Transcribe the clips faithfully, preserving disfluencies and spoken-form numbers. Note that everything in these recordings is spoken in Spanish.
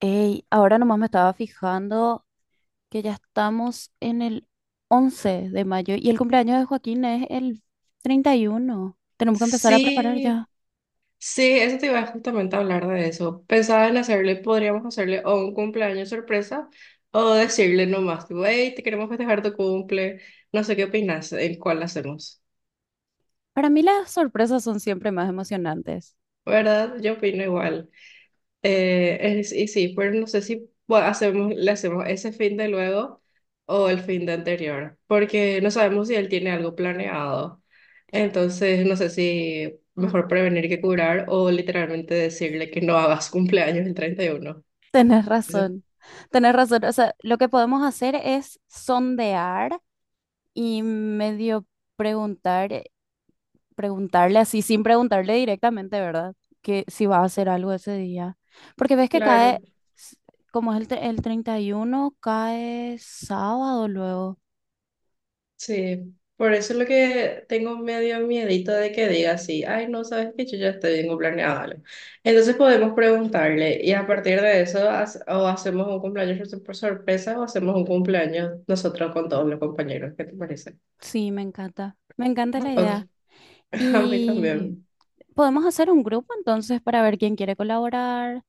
Ey, ahora nomás me estaba fijando que ya estamos en el once de mayo y el cumpleaños de Joaquín es el treinta y uno. Tenemos que empezar a preparar Sí, ya. sí, eso te iba justamente a hablar de eso. Pensaba en hacerle, podríamos hacerle o un cumpleaños sorpresa o decirle nomás, tipo, hey, te queremos festejar tu cumple, no sé qué opinas, en cuál hacemos, Para mí las sorpresas son siempre más emocionantes. ¿verdad? Yo opino igual. Eh, es- y sí, pero no sé si bueno, hacemos, le hacemos ese fin de luego o el fin de anterior, porque no sabemos si él tiene algo planeado. Entonces, no sé si mejor prevenir que curar o literalmente decirle que no hagas cumpleaños el treinta y uno. Tenés Ese- razón, tenés razón. O sea, lo que podemos hacer es sondear y medio preguntar. Preguntarle así, sin preguntarle directamente, ¿verdad? Que si va a hacer algo ese día. Porque ves que cae, Claro. s- como es el, tre- el treinta y uno, cae sábado luego. Sí, por eso es lo que tengo medio miedito de que diga así, ay, no sabes que yo ya estoy bien planeado algo. Entonces podemos preguntarle y a partir de eso hace- o hacemos un cumpleaños por por sorpresa o hacemos un cumpleaños nosotros con todos los compañeros, ¿qué te parece? Sí, me encanta. Me encanta la idea. Ok, a mí Y también. podemos hacer un grupo entonces para ver quién quiere colaborar.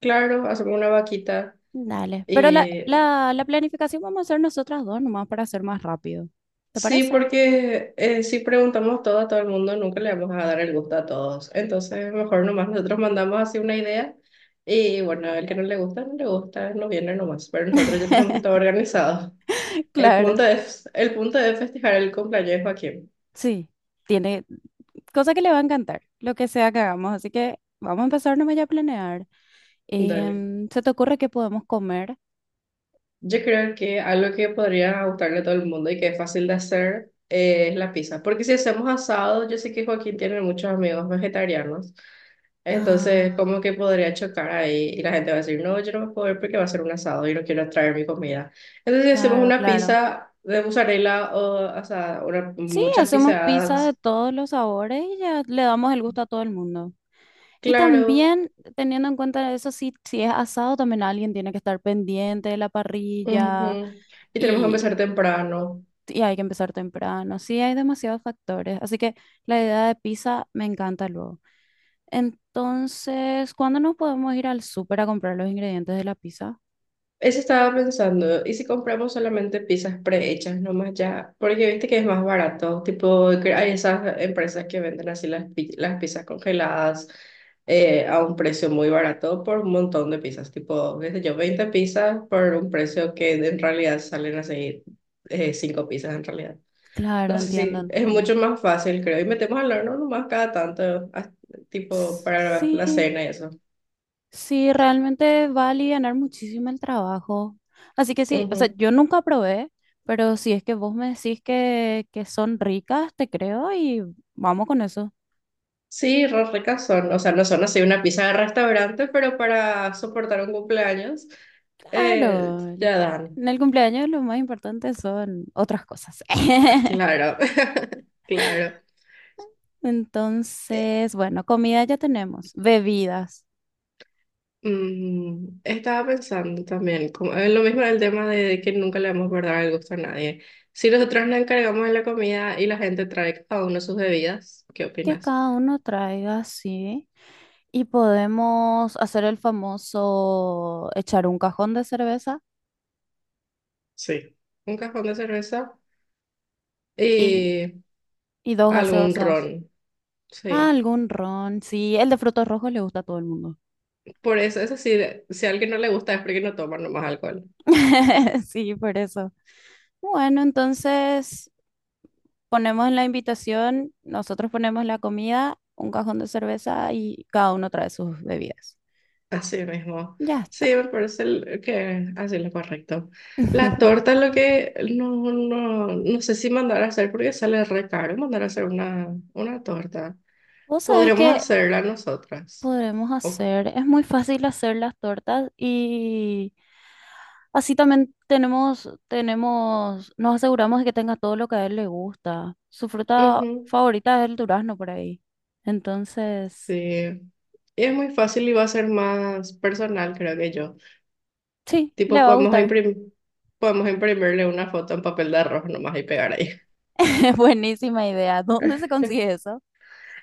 Claro, hacemos una vaquita Dale. Pero la, y la, la planificación vamos a hacer nosotras dos nomás para hacer más rápido. ¿Te sí, parece? porque eh, si preguntamos todo a todo el mundo, nunca le vamos a dar el gusto a todos. Entonces, mejor nomás nosotros mandamos así una idea y bueno, el que no le gusta, no le gusta, no viene nomás. Pero nosotros ya tenemos todo organizado. El punto Claro. es, el punto es festejar el cumpleaños de Joaquín. Sí. Tiene. Cosa que le va a encantar, lo que sea que hagamos. Así que vamos a empezar nomás ya a planear. Dale. Em, ¿se te ocurre qué podemos comer? Yo creo que algo que podría gustarle a todo el mundo y que es fácil de hacer eh, es la pizza. Porque si hacemos asado, yo sé que Joaquín tiene muchos amigos vegetarianos. Entonces, Ah, ¿cómo que podría chocar ahí? Y la gente va a decir, no, yo no me puedo ir porque va a ser un asado y no quiero traer mi comida. Entonces, si hacemos claro, una claro. pizza de mozzarella o, o sea, una- Sí, muchas hacemos pizza de pizzas, todos los sabores y ya le damos el gusto a todo el mundo. Y claro. también, teniendo en cuenta eso, si, si es asado, también alguien tiene que estar pendiente de la parrilla Ujú. Y tenemos que y, empezar temprano. y hay que empezar temprano. Sí, hay demasiados factores. Así que la idea de pizza me encanta luego. Entonces, ¿cuándo nos podemos ir al súper a comprar los ingredientes de la pizza? Eso estaba pensando, ¿y si compramos solamente pizzas prehechas nomás ya? Porque viste que es más barato, tipo, que hay esas empresas que venden así las, pi- las pizzas congeladas eh, a un precio muy barato por un montón de pizzas, tipo, qué sé yo, veinte pizzas por un precio que en realidad salen así eh, cinco pizzas en realidad. Claro, No sé entiendo, si es entiendo. mucho más fácil, creo, y metemos al horno nomás cada tanto, as- tipo, S- para la Sí, cena y eso. sí, realmente va a alivianar muchísimo el trabajo. Así que sí, o sea, Ujú. yo nunca probé, pero si es que vos me decís que, que son ricas, te creo y vamos con eso. Sí, re ricas son, o sea, no son así una pizza de restaurante, pero para soportar un cumpleaños, eh, Claro, el- ya dan. en el cumpleaños lo más importante son otras cosas. Claro, claro. Eh, Entonces, bueno, comida ya tenemos, bebidas. mm, estaba pensando también, como, en lo mismo del tema de que nunca le vamos a guardar el gusto a nadie. Si nosotros nos encargamos de la comida y la gente trae cada uno sus bebidas, ¿qué Que opinas? cada uno traiga, sí, y podemos hacer el famoso echar un cajón de cerveza Sí. Un cajón de cerveza y, y y dos algún gaseosas. ron, Ah, sí. algún ron, sí, el de frutos rojos le gusta a todo el mundo. Por eso, eso sí, si a alguien no le gusta es porque no toma nomás alcohol. Sí, por eso. Bueno, entonces ponemos en la invitación, nosotros ponemos la comida, un cajón de cerveza y cada uno trae sus bebidas. Así mismo. Ya está. Sí, me parece el- que así es lo correcto. La torta es lo que no, no, no sé si mandar a hacer porque sale re caro mandar a hacer una, una torta. ¿Vos sabés Podríamos que hacerla nosotras. podremos Ok. hacer? Es muy fácil hacer las tortas y así también tenemos, tenemos, nos aseguramos de que tenga todo lo que a él le gusta. Su fruta Ujú, favorita es el durazno por ahí. Entonces, sí. Y es muy fácil y va a ser más personal, creo que yo. sí, Tipo, le va a podemos gustar. imprim- podemos imprimirle una foto en papel de arroz nomás y pegar ahí. Buenísima idea. ¿Dónde se consigue eso?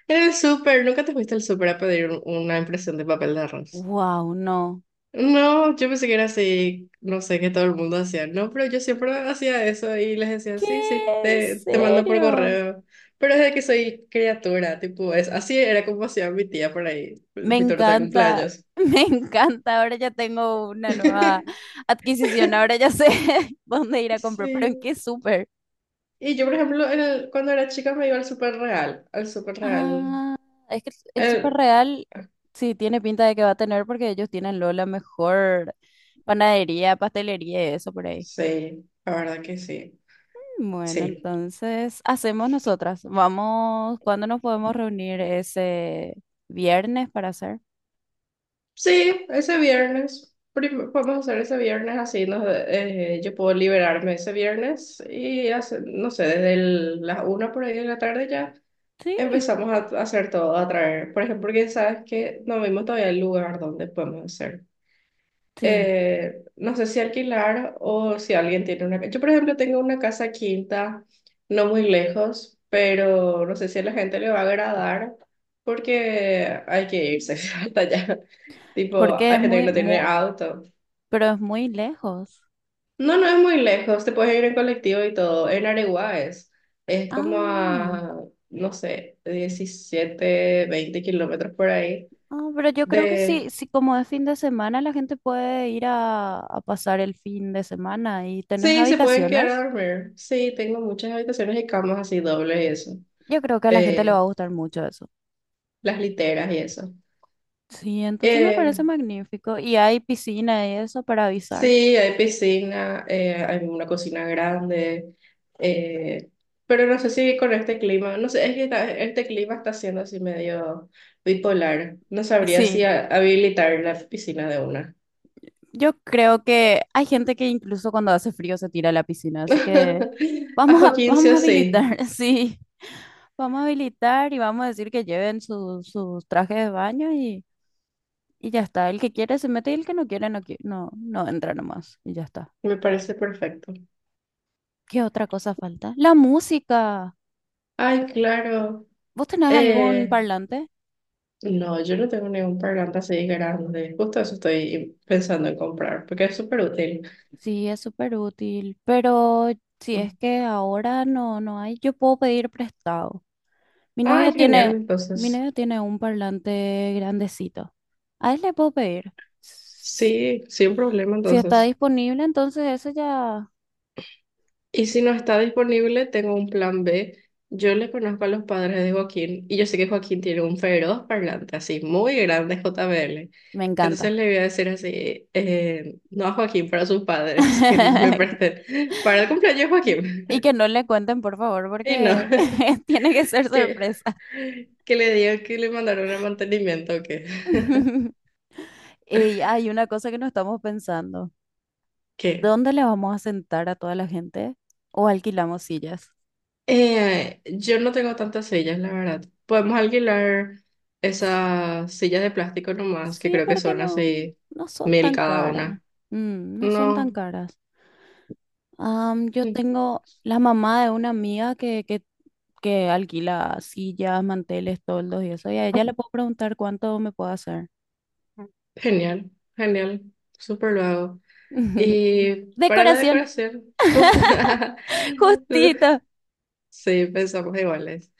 En el súper, ¿nunca te fuiste al súper a pedir un- una impresión de papel de arroz? Wow, no. No, yo pensé que era así, no sé, que todo el mundo hacía, no, pero yo siempre hacía eso y les decía, sí, sí, ¿Qué? ¿En te, te mando por serio? correo, pero desde que soy criatura, tipo, es, así era como hacía mi tía por ahí, Me mi torta de encanta, cumpleaños. me encanta. Ahora ya tengo una nueva adquisición. Ahora ya sé dónde ir a comprar, pero ¿en Sí, qué súper? y yo, por ejemplo, en el- cuando era chica me iba al Super Real, al Super Real, Ah, es que el Súper el, Real sí tiene pinta de que va a tener porque ellos tienen lo la mejor panadería, pastelería y eso por ahí. sí, la verdad que sí, Bueno, sí. entonces hacemos nosotras. Vamos, ¿cuándo nos podemos reunir ese viernes para hacer? Sí, ese viernes. Prim- podemos hacer ese viernes así. Nos, eh, yo puedo liberarme ese viernes y hace- no sé, desde el- las una por ahí de la tarde ya Sí, empezamos a, a hacer todo, a traer. Por ejemplo, porque sabes que no vimos todavía el lugar donde podemos hacer sí, eh, no sé si alquilar o si alguien tiene una... Yo, por ejemplo, tengo una casa quinta, no muy lejos, pero no sé si a la gente le va a agradar porque hay que irse hasta allá. Tipo, porque hay es gente que muy, no tiene muy, auto. pero es muy lejos. No, no es muy lejos, te puedes ir en colectivo y todo. En Areguá es, es como Ah. a, no sé, diecisiete veinte kilómetros por ahí Ah, pero yo creo que de, sí, sí, como es fin de semana, la gente puede ir a, a pasar el fin de semana y tenés sí, se pueden quedar a habitaciones. dormir. Sí, tengo muchas habitaciones y camas así dobles y eso. Yo creo que a la gente le va a Eh, gustar mucho eso. las literas y eso. Sí, entonces me Eh, parece magnífico. Y hay piscina y eso para avisar. sí, hay piscina, eh, hay una cocina grande. eh, pero no sé si con este clima, no sé, es que ta- este clima está siendo así medio bipolar. No sabría si Sí, a- habilitar la piscina de una. yo creo que hay gente que incluso cuando hace frío se tira a la piscina, así que A vamos a, Joaquín sí vamos a o sí, habilitar, sí. Vamos a habilitar y vamos a decir que lleven sus sus trajes de baño y... Y ya está, el que quiere se mete y el que no quiere no, qui- no, no entra nomás. Y ya está. me parece perfecto. ¿Qué otra cosa falta? La música. Ay, claro. ¿Vos tenés algún eh. parlante? No, yo no tengo ningún parlante así grande. Justo eso estoy pensando en comprar, porque es súper útil. Sí, es súper útil, pero si es que ahora no, no hay, yo puedo pedir prestado. Mi Ay, novio genial, tiene, mi entonces. novio tiene un parlante grandecito. A él le puedo pedir. S- Sí, sin problema, Si está entonces. disponible, entonces eso ya Y si no está disponible, tengo un plan B. Yo le conozco a los padres de Joaquín y yo sé que Joaquín tiene un feroz parlante así, muy grande J B L. me Entonces encanta. le voy a decir así, eh, no a Joaquín, para sus padres que me presten para el cumpleaños de Joaquín. Y que no le cuenten, por favor, Y no. porque tiene que ser que, sorpresa. que le diga que le mandaron el mantenimiento o qué. Y hay una cosa que no estamos pensando. ¿Qué? ¿Dónde le vamos a sentar a toda la gente? ¿O alquilamos sillas? Eh, yo no tengo tantas sillas, la verdad. Podemos alquilar esas sillas de plástico nomás, que Sí, creo que porque son no, así no son mil tan cada caras. una. Mm, no son tan No. caras. Am, yo Mm, tengo la mamá de una amiga que, que, que alquila sillas, manteles, toldos y eso. Y a ella le puedo preguntar cuánto me puede hacer. genial, genial. Súper lo hago. Y para la Decoración. decoración, justo. Justito. Sí, pensamos iguales.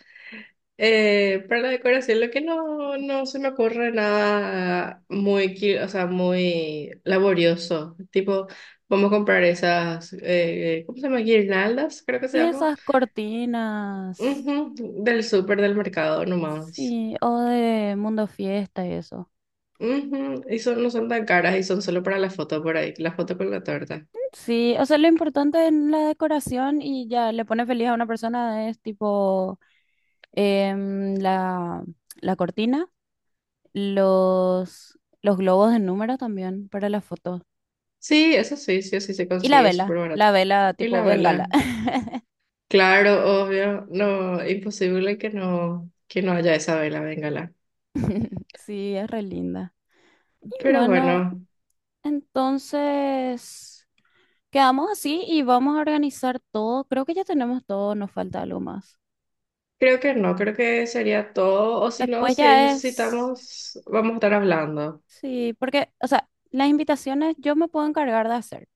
Eh, para la decoración, lo que no, no se me ocurre nada muy, qui- o sea, muy laborioso. Tipo, vamos a comprar esas, eh, ¿cómo se llama? Guirnaldas, creo que se Y llama. esas cortinas. Ujú, del súper del mercado nomás. Sí, o de Mundo Fiesta y eso. Ujú, y son, no son tan caras y son solo para la foto por ahí, la foto con la torta. Sí, o sea, lo importante en la decoración y ya le pone feliz a una persona es tipo em, la, la cortina, los, los globos de número también para las fotos. Sí, eso sí, sí, sí se Y la consigue, es vela, súper barato. la vela Y la tipo bengala. vela, claro, obvio, no, imposible que no, que no haya esa vela, véngala. Sí, es re linda. Y Pero bueno, bueno. entonces. Quedamos así y vamos a organizar todo. Creo que ya tenemos todo, nos falta algo más. Creo que no, creo que sería todo. O si no, Después si ya es, necesitamos, vamos a estar hablando. sí, porque, o sea, las invitaciones yo me puedo encargar de hacer.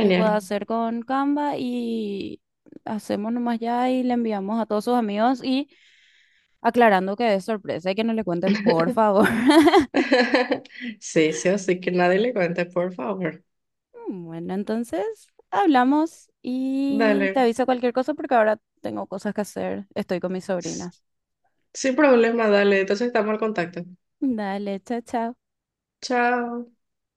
Yo puedo hacer con Canva y hacemos nomás ya y le enviamos a todos sus amigos y aclarando que es sorpresa y que no le cuenten, por favor. Sí, sí, así que nadie le cuente, por favor. Bueno, entonces hablamos y te Dale. aviso cualquier cosa porque ahora tengo cosas que hacer. Estoy con mis S- sobrinas. Sin problema, dale. Entonces estamos al contacto. Dale, chao, chao. Chao.